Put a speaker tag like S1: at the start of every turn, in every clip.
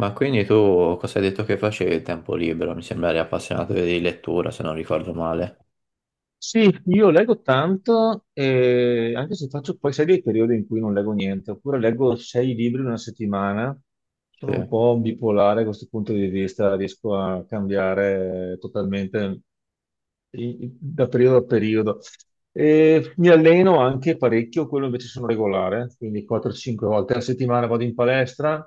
S1: Ma quindi tu cosa hai detto che facevi il tempo libero? Mi sembra eri appassionato di lettura, se non ricordo male.
S2: Sì, io leggo tanto, e anche se faccio poi, sai, dei periodi in cui non leggo niente, oppure leggo sei libri in una settimana.
S1: Sì,
S2: Sono un po' bipolare da questo punto di vista, riesco a cambiare totalmente da periodo a periodo. E mi alleno anche parecchio, quello invece sono regolare, quindi 4-5 volte alla settimana vado in palestra.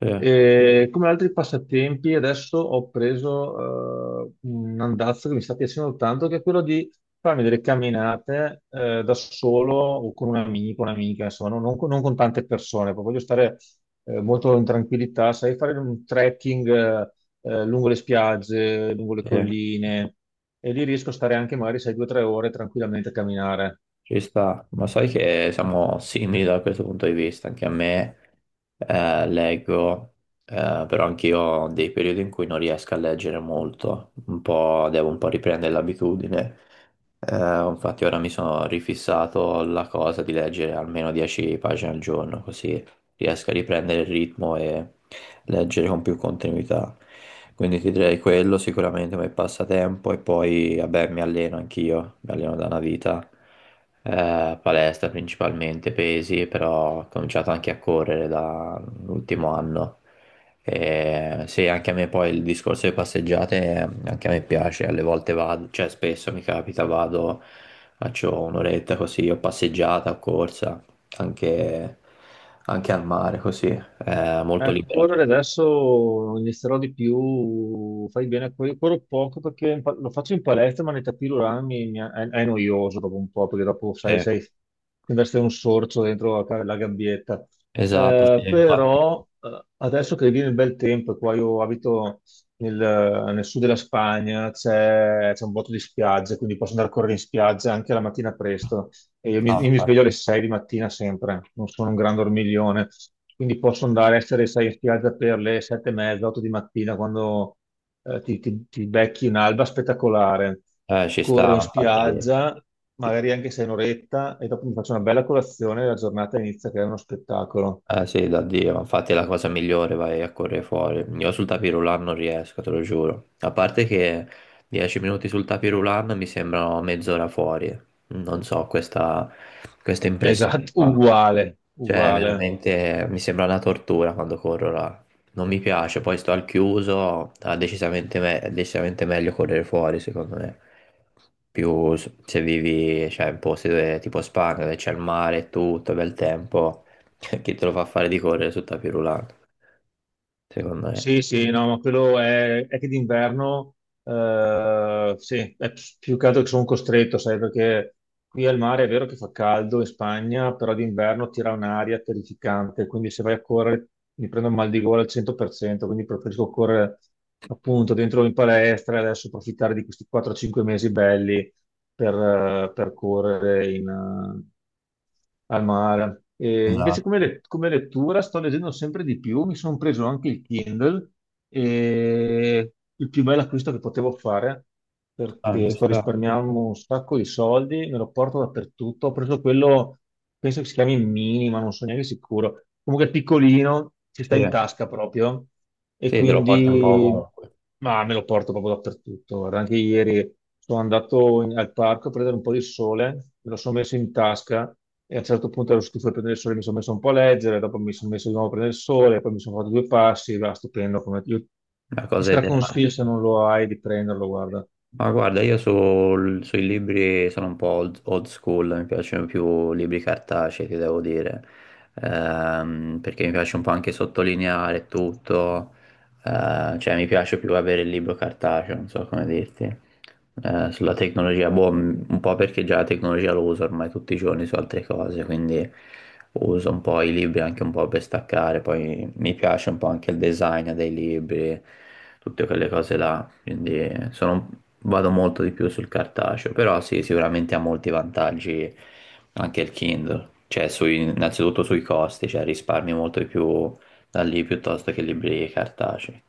S1: sì,
S2: E come altri passatempi, adesso ho preso un andazzo che mi sta piacendo tanto, che è quello di farmi delle camminate da solo o con un amico, un'amica, insomma, non con tante persone, poi voglio stare molto in tranquillità, sai, fare un trekking lungo le spiagge, lungo le
S1: sì,
S2: colline, e lì riesco a stare anche magari, sai, due o tre ore tranquillamente a camminare.
S1: ci sta. Ma sai che siamo simili da questo punto di vista. Anche a me leggo, però anch'io ho dei periodi in cui non riesco a leggere molto. Un po', devo un po' riprendere l'abitudine. Eh, Infatti ora mi sono rifissato la cosa di leggere almeno 10 pagine al giorno, così riesco a riprendere il ritmo e leggere con più continuità. Quindi ti direi quello sicuramente come passatempo e poi vabbè mi alleno anch'io, mi alleno da una vita, palestra principalmente, pesi, però ho cominciato anche a correre dall'ultimo anno. E sì, anche a me poi il discorso delle passeggiate, anche a me piace, alle volte vado, cioè spesso mi capita, vado, faccio un'oretta così, o passeggiata, o corsa, anche, anche al mare così, è molto
S2: Correre
S1: liberato.
S2: adesso inizierò di più, fai bene, a correre. Corro poco perché lo faccio in palestra, ma nei tapis roulant è noioso dopo un po', perché dopo
S1: Sì,
S2: sai, ti investe un sorcio dentro la gabbietta.
S1: esatto, sì, infatti,
S2: Però adesso che viene il bel tempo, qua io abito nel sud della Spagna, c'è un botto di spiagge, quindi posso andare a correre in spiaggia anche la mattina presto. E io mi,
S1: no,
S2: io mi sveglio alle 6 di mattina sempre, non sono un gran dormiglione, quindi posso andare a essere, sai, in spiaggia per le 7 e mezza, 8 di mattina quando ti becchi un'alba spettacolare.
S1: ci
S2: Corro in
S1: stava, infatti,
S2: spiaggia, magari anche se è un'oretta, e dopo mi faccio una bella colazione e la giornata inizia che è uno spettacolo.
S1: sì, da Dio, ma infatti è la cosa migliore, vai a correre fuori. Io sul tapirulan non riesco, te lo giuro. A parte che 10 minuti sul tapirulan mi sembrano mezz'ora fuori, non so, questa impressione
S2: Esatto,
S1: qua.
S2: uguale,
S1: Cioè,
S2: uguale.
S1: veramente mi sembra una tortura quando corro là. Non mi piace, poi sto al chiuso, decisamente è decisamente meglio correre fuori, secondo me. Più se vivi, cioè, in posti dove, tipo Spagna, dove c'è il mare e tutto, bel tempo, chi te lo fa fare di correre su tapis roulant, secondo me.
S2: Sì, sì, no, ma quello è che d'inverno, sì, più che altro che sono costretto, sai, perché qui al mare è vero che fa caldo in Spagna, però d'inverno tira un'aria terrificante, quindi se vai a correre mi prendo il mal di gola al 100%, quindi preferisco correre appunto dentro in palestra e adesso approfittare di questi 4-5 mesi belli per correre in, al mare. E invece come,
S1: Esatto,
S2: come lettura sto leggendo sempre di più, mi sono preso anche il Kindle e il più bello acquisto che potevo fare
S1: ah,
S2: perché
S1: ci
S2: sto
S1: sta.
S2: risparmiando un sacco di soldi, me lo porto dappertutto. Ho preso quello, penso che si chiami Mini, ma non sono neanche sicuro. Comunque è piccolino, ci sta in
S1: Sì.
S2: tasca proprio e
S1: Sì, te lo porti un po'
S2: quindi
S1: ovunque,
S2: ma me lo porto proprio dappertutto. Guarda, anche ieri sono andato al parco a prendere un po' di sole, me lo sono messo in tasca e a un certo punto ero stufo di prendere il sole, mi sono messo un po' a leggere, dopo mi sono messo di nuovo a prendere il sole, poi mi sono fatto due passi, va stupendo. Come io
S1: la
S2: ti
S1: cosa ideale.
S2: straconsiglio se non lo hai di prenderlo, guarda.
S1: Ma guarda, io sui libri sono un po' old, old school, mi piacciono più libri cartacei, ti devo dire. Perché mi piace un po' anche sottolineare tutto, cioè mi piace più avere il libro cartaceo, non so come dirti. Sulla tecnologia, boh, un po' perché già la tecnologia lo uso ormai tutti i giorni su altre cose, quindi uso un po' i libri anche un po' per staccare, poi mi piace un po' anche il design dei libri, tutte quelle cose là, quindi sono, vado molto di più sul cartaceo, però sì, sicuramente ha molti vantaggi anche il Kindle, cioè innanzitutto sui costi, cioè risparmi molto di più da lì piuttosto che libri cartacei.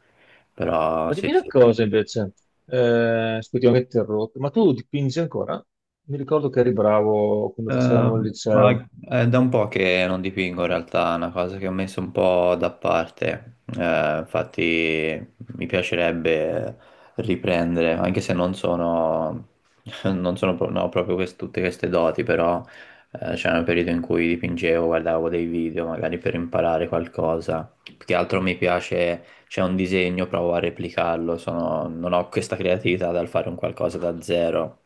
S1: Però
S2: Ma
S1: sì,
S2: dimmi una
S1: sì.
S2: cosa invece, scusi, ho interrotto, ma tu dipingi ancora? Mi ricordo che eri bravo quando facevamo il
S1: Ma
S2: liceo.
S1: è da un po' che non dipingo in realtà, è una cosa che ho messo un po' da parte. Infatti mi piacerebbe riprendere, anche se non sono, non ho proprio tutte queste doti, però c'era un periodo in cui dipingevo, guardavo dei video magari per imparare qualcosa. Più che altro mi piace, c'è un disegno, provo a replicarlo, non ho questa creatività dal fare un qualcosa da zero,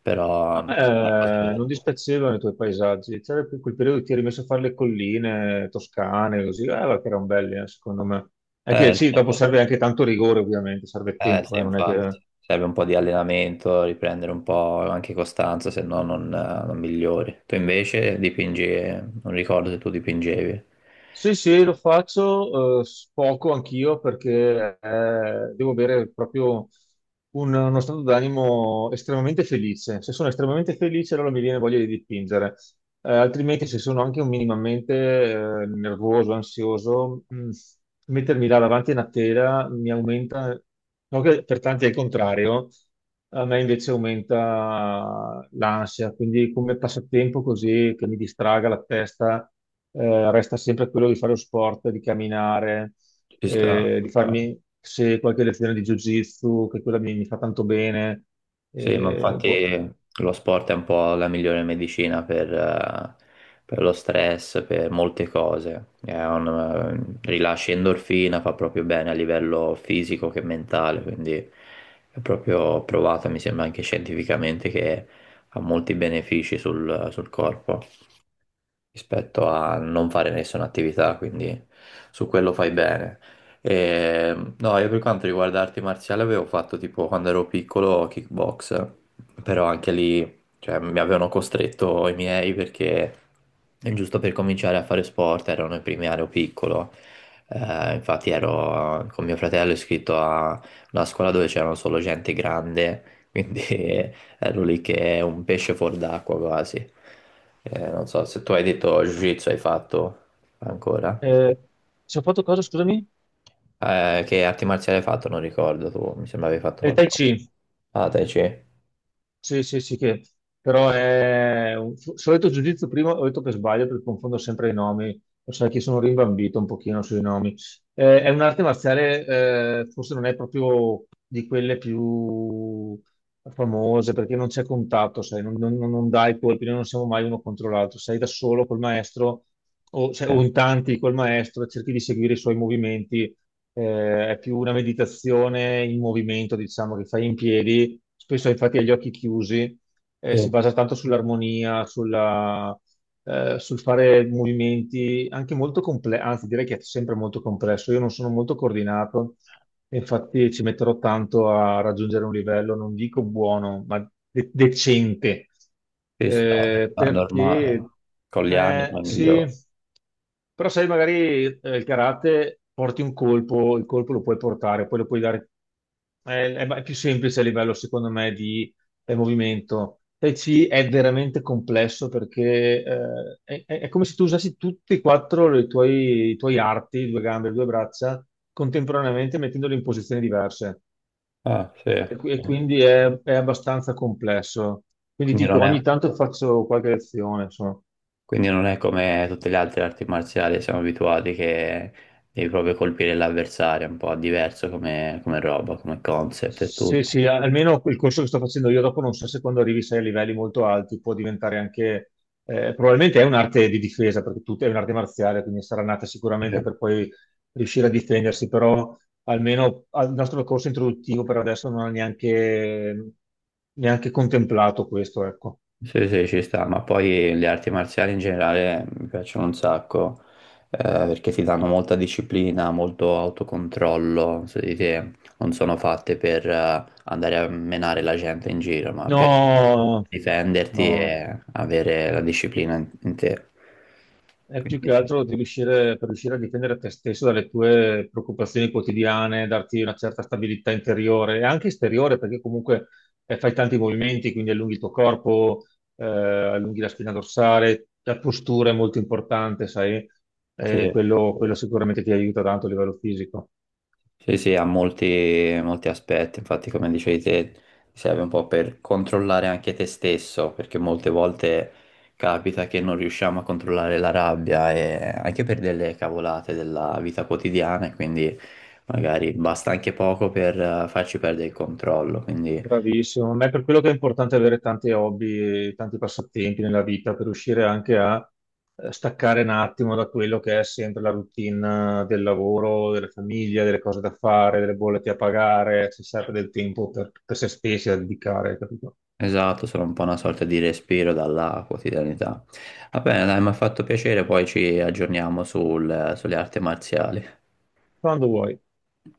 S1: però
S2: A
S1: è una cosa
S2: me
S1: bella.
S2: non dispiacevano i tuoi paesaggi, c'era più quel periodo che ti eri messo a fare le colline toscane, così, ma che erano belli, secondo me. È che sì,
S1: Sì,
S2: dopo serve anche tanto rigore, ovviamente, serve
S1: sì,
S2: tempo, non è che
S1: infatti, serve un po' di allenamento, riprendere un po' anche costanza, se no non, non migliori. Tu invece dipingi, non ricordo se tu dipingevi.
S2: sì, sì, lo faccio poco anch'io perché devo avere proprio uno stato d'animo estremamente felice. Se sono estremamente felice, allora mi viene voglia di dipingere. Altrimenti, se sono anche un minimamente nervoso, ansioso, mettermi là davanti a una tela mi aumenta, no che per tanti è il contrario, a me invece aumenta l'ansia. Quindi, come passatempo così che mi distraga la testa resta sempre quello di fare lo sport, di camminare,
S1: Ci sta.
S2: di farmi se qualche lezione di Jiu-Jitsu, che quella mi fa tanto bene.
S1: Sì, ma
S2: Boh.
S1: infatti lo sport è un po' la migliore medicina per lo stress, per molte cose. È un, rilascia endorfina, fa proprio bene a livello fisico che mentale, quindi è proprio provato, mi sembra anche scientificamente, che ha molti benefici sul, sul corpo rispetto a non fare nessuna attività, quindi su quello fai bene. E, no, io per quanto riguarda arti marziali avevo fatto tipo quando ero piccolo kickbox, però anche lì, cioè, mi avevano costretto i miei perché giusto per cominciare a fare sport erano i primi anni ero piccolo. Infatti ero con mio fratello iscritto a una scuola dove c'erano solo gente grande, quindi ero lì che è un pesce fuor d'acqua quasi. Non so, se tu hai detto Jiu-Jitsu hai fatto ancora.
S2: Eh, ci ho fatto cosa, scusami?
S1: Che arti marziali hai fatto? Non ricordo, tu mi sembra avevi fatto
S2: Tai
S1: qualcosa.
S2: Chi.
S1: Ah, Tai Chi.
S2: Sì, sì, sì, che però è solito giudizio prima, ho detto per sbaglio perché confondo sempre i nomi, lo sai che sono rimbambito un pochino sui nomi. È un'arte marziale, forse non è proprio di quelle più famose perché non c'è contatto, sai, non dai colpi, noi non siamo mai uno contro l'altro, sei da solo col maestro o, se- o in tanti col maestro, e cerchi di seguire i suoi movimenti. È più una meditazione in movimento, diciamo, che fai in piedi, spesso infatti agli occhi chiusi, si
S1: Sì,
S2: basa tanto sull'armonia, sulla, sul fare movimenti anche molto complessi, anzi direi che è sempre molto complesso. Io non sono molto coordinato, e infatti ci metterò tanto a raggiungere un livello, non dico buono, ma decente,
S1: ci sta,
S2: eh,
S1: ma è normale.
S2: perché
S1: Con gli anni poi
S2: sì,
S1: migliore.
S2: però sai, magari il karate porti un colpo, il colpo lo puoi portare, poi lo puoi dare. È, è più semplice a livello, secondo me, di del movimento. Tai Chi è veramente complesso perché è come se tu usassi tutti e quattro i tuoi arti, due gambe, due braccia, contemporaneamente mettendoli in posizioni diverse.
S1: Ah, sì.
S2: E quindi è abbastanza complesso. Quindi
S1: Quindi
S2: dico,
S1: non è,
S2: ogni tanto faccio qualche lezione, insomma.
S1: quindi non è come tutte le altre arti marziali, siamo abituati che devi proprio colpire l'avversario, è un po' diverso come, come roba, come concept e
S2: Sì,
S1: tutto.
S2: sì, almeno il corso che sto facendo io dopo non so se quando arrivi sei a livelli molto alti può diventare anche, probabilmente è un'arte di difesa, perché tu è un'arte marziale, quindi sarà nata sicuramente per poi riuscire a difendersi, però almeno al nostro corso introduttivo per adesso non ha neanche, neanche contemplato questo, ecco.
S1: Sì, sì, ci sta, ma poi le arti marziali in generale mi piacciono un sacco, perché ti danno molta disciplina, molto autocontrollo su di te, non sono fatte per andare a menare la gente in giro, ma per
S2: No,
S1: difenderti
S2: no.
S1: e avere la disciplina in, in te.
S2: È più
S1: Quindi,
S2: che altro di riuscire, per riuscire a difendere te stesso dalle tue preoccupazioni quotidiane, darti una certa stabilità interiore e anche esteriore, perché comunque fai tanti movimenti, quindi allunghi il tuo corpo, allunghi la spina dorsale, la postura è molto importante, sai.
S1: sì.
S2: Quello sicuramente ti aiuta tanto a livello fisico.
S1: Sì, sì, ha molti, molti aspetti, infatti come dicevi te, ti serve un po' per controllare anche te stesso, perché molte volte capita che non riusciamo a controllare la rabbia e anche per delle cavolate della vita quotidiana, e quindi magari basta anche poco per farci perdere il controllo, quindi
S2: Bravissimo, ma è per quello che è importante avere tanti hobby e tanti passatempi nella vita per riuscire anche a staccare un attimo da quello che è sempre la routine del lavoro, della famiglia, delle cose da fare, delle bollette a pagare, si serve del tempo per se stessi da dedicare, capito?
S1: esatto, sono un po' una sorta di respiro dalla quotidianità. Va bene, dai, mi ha fatto piacere, poi ci aggiorniamo sulle arti marziali.
S2: Quando vuoi.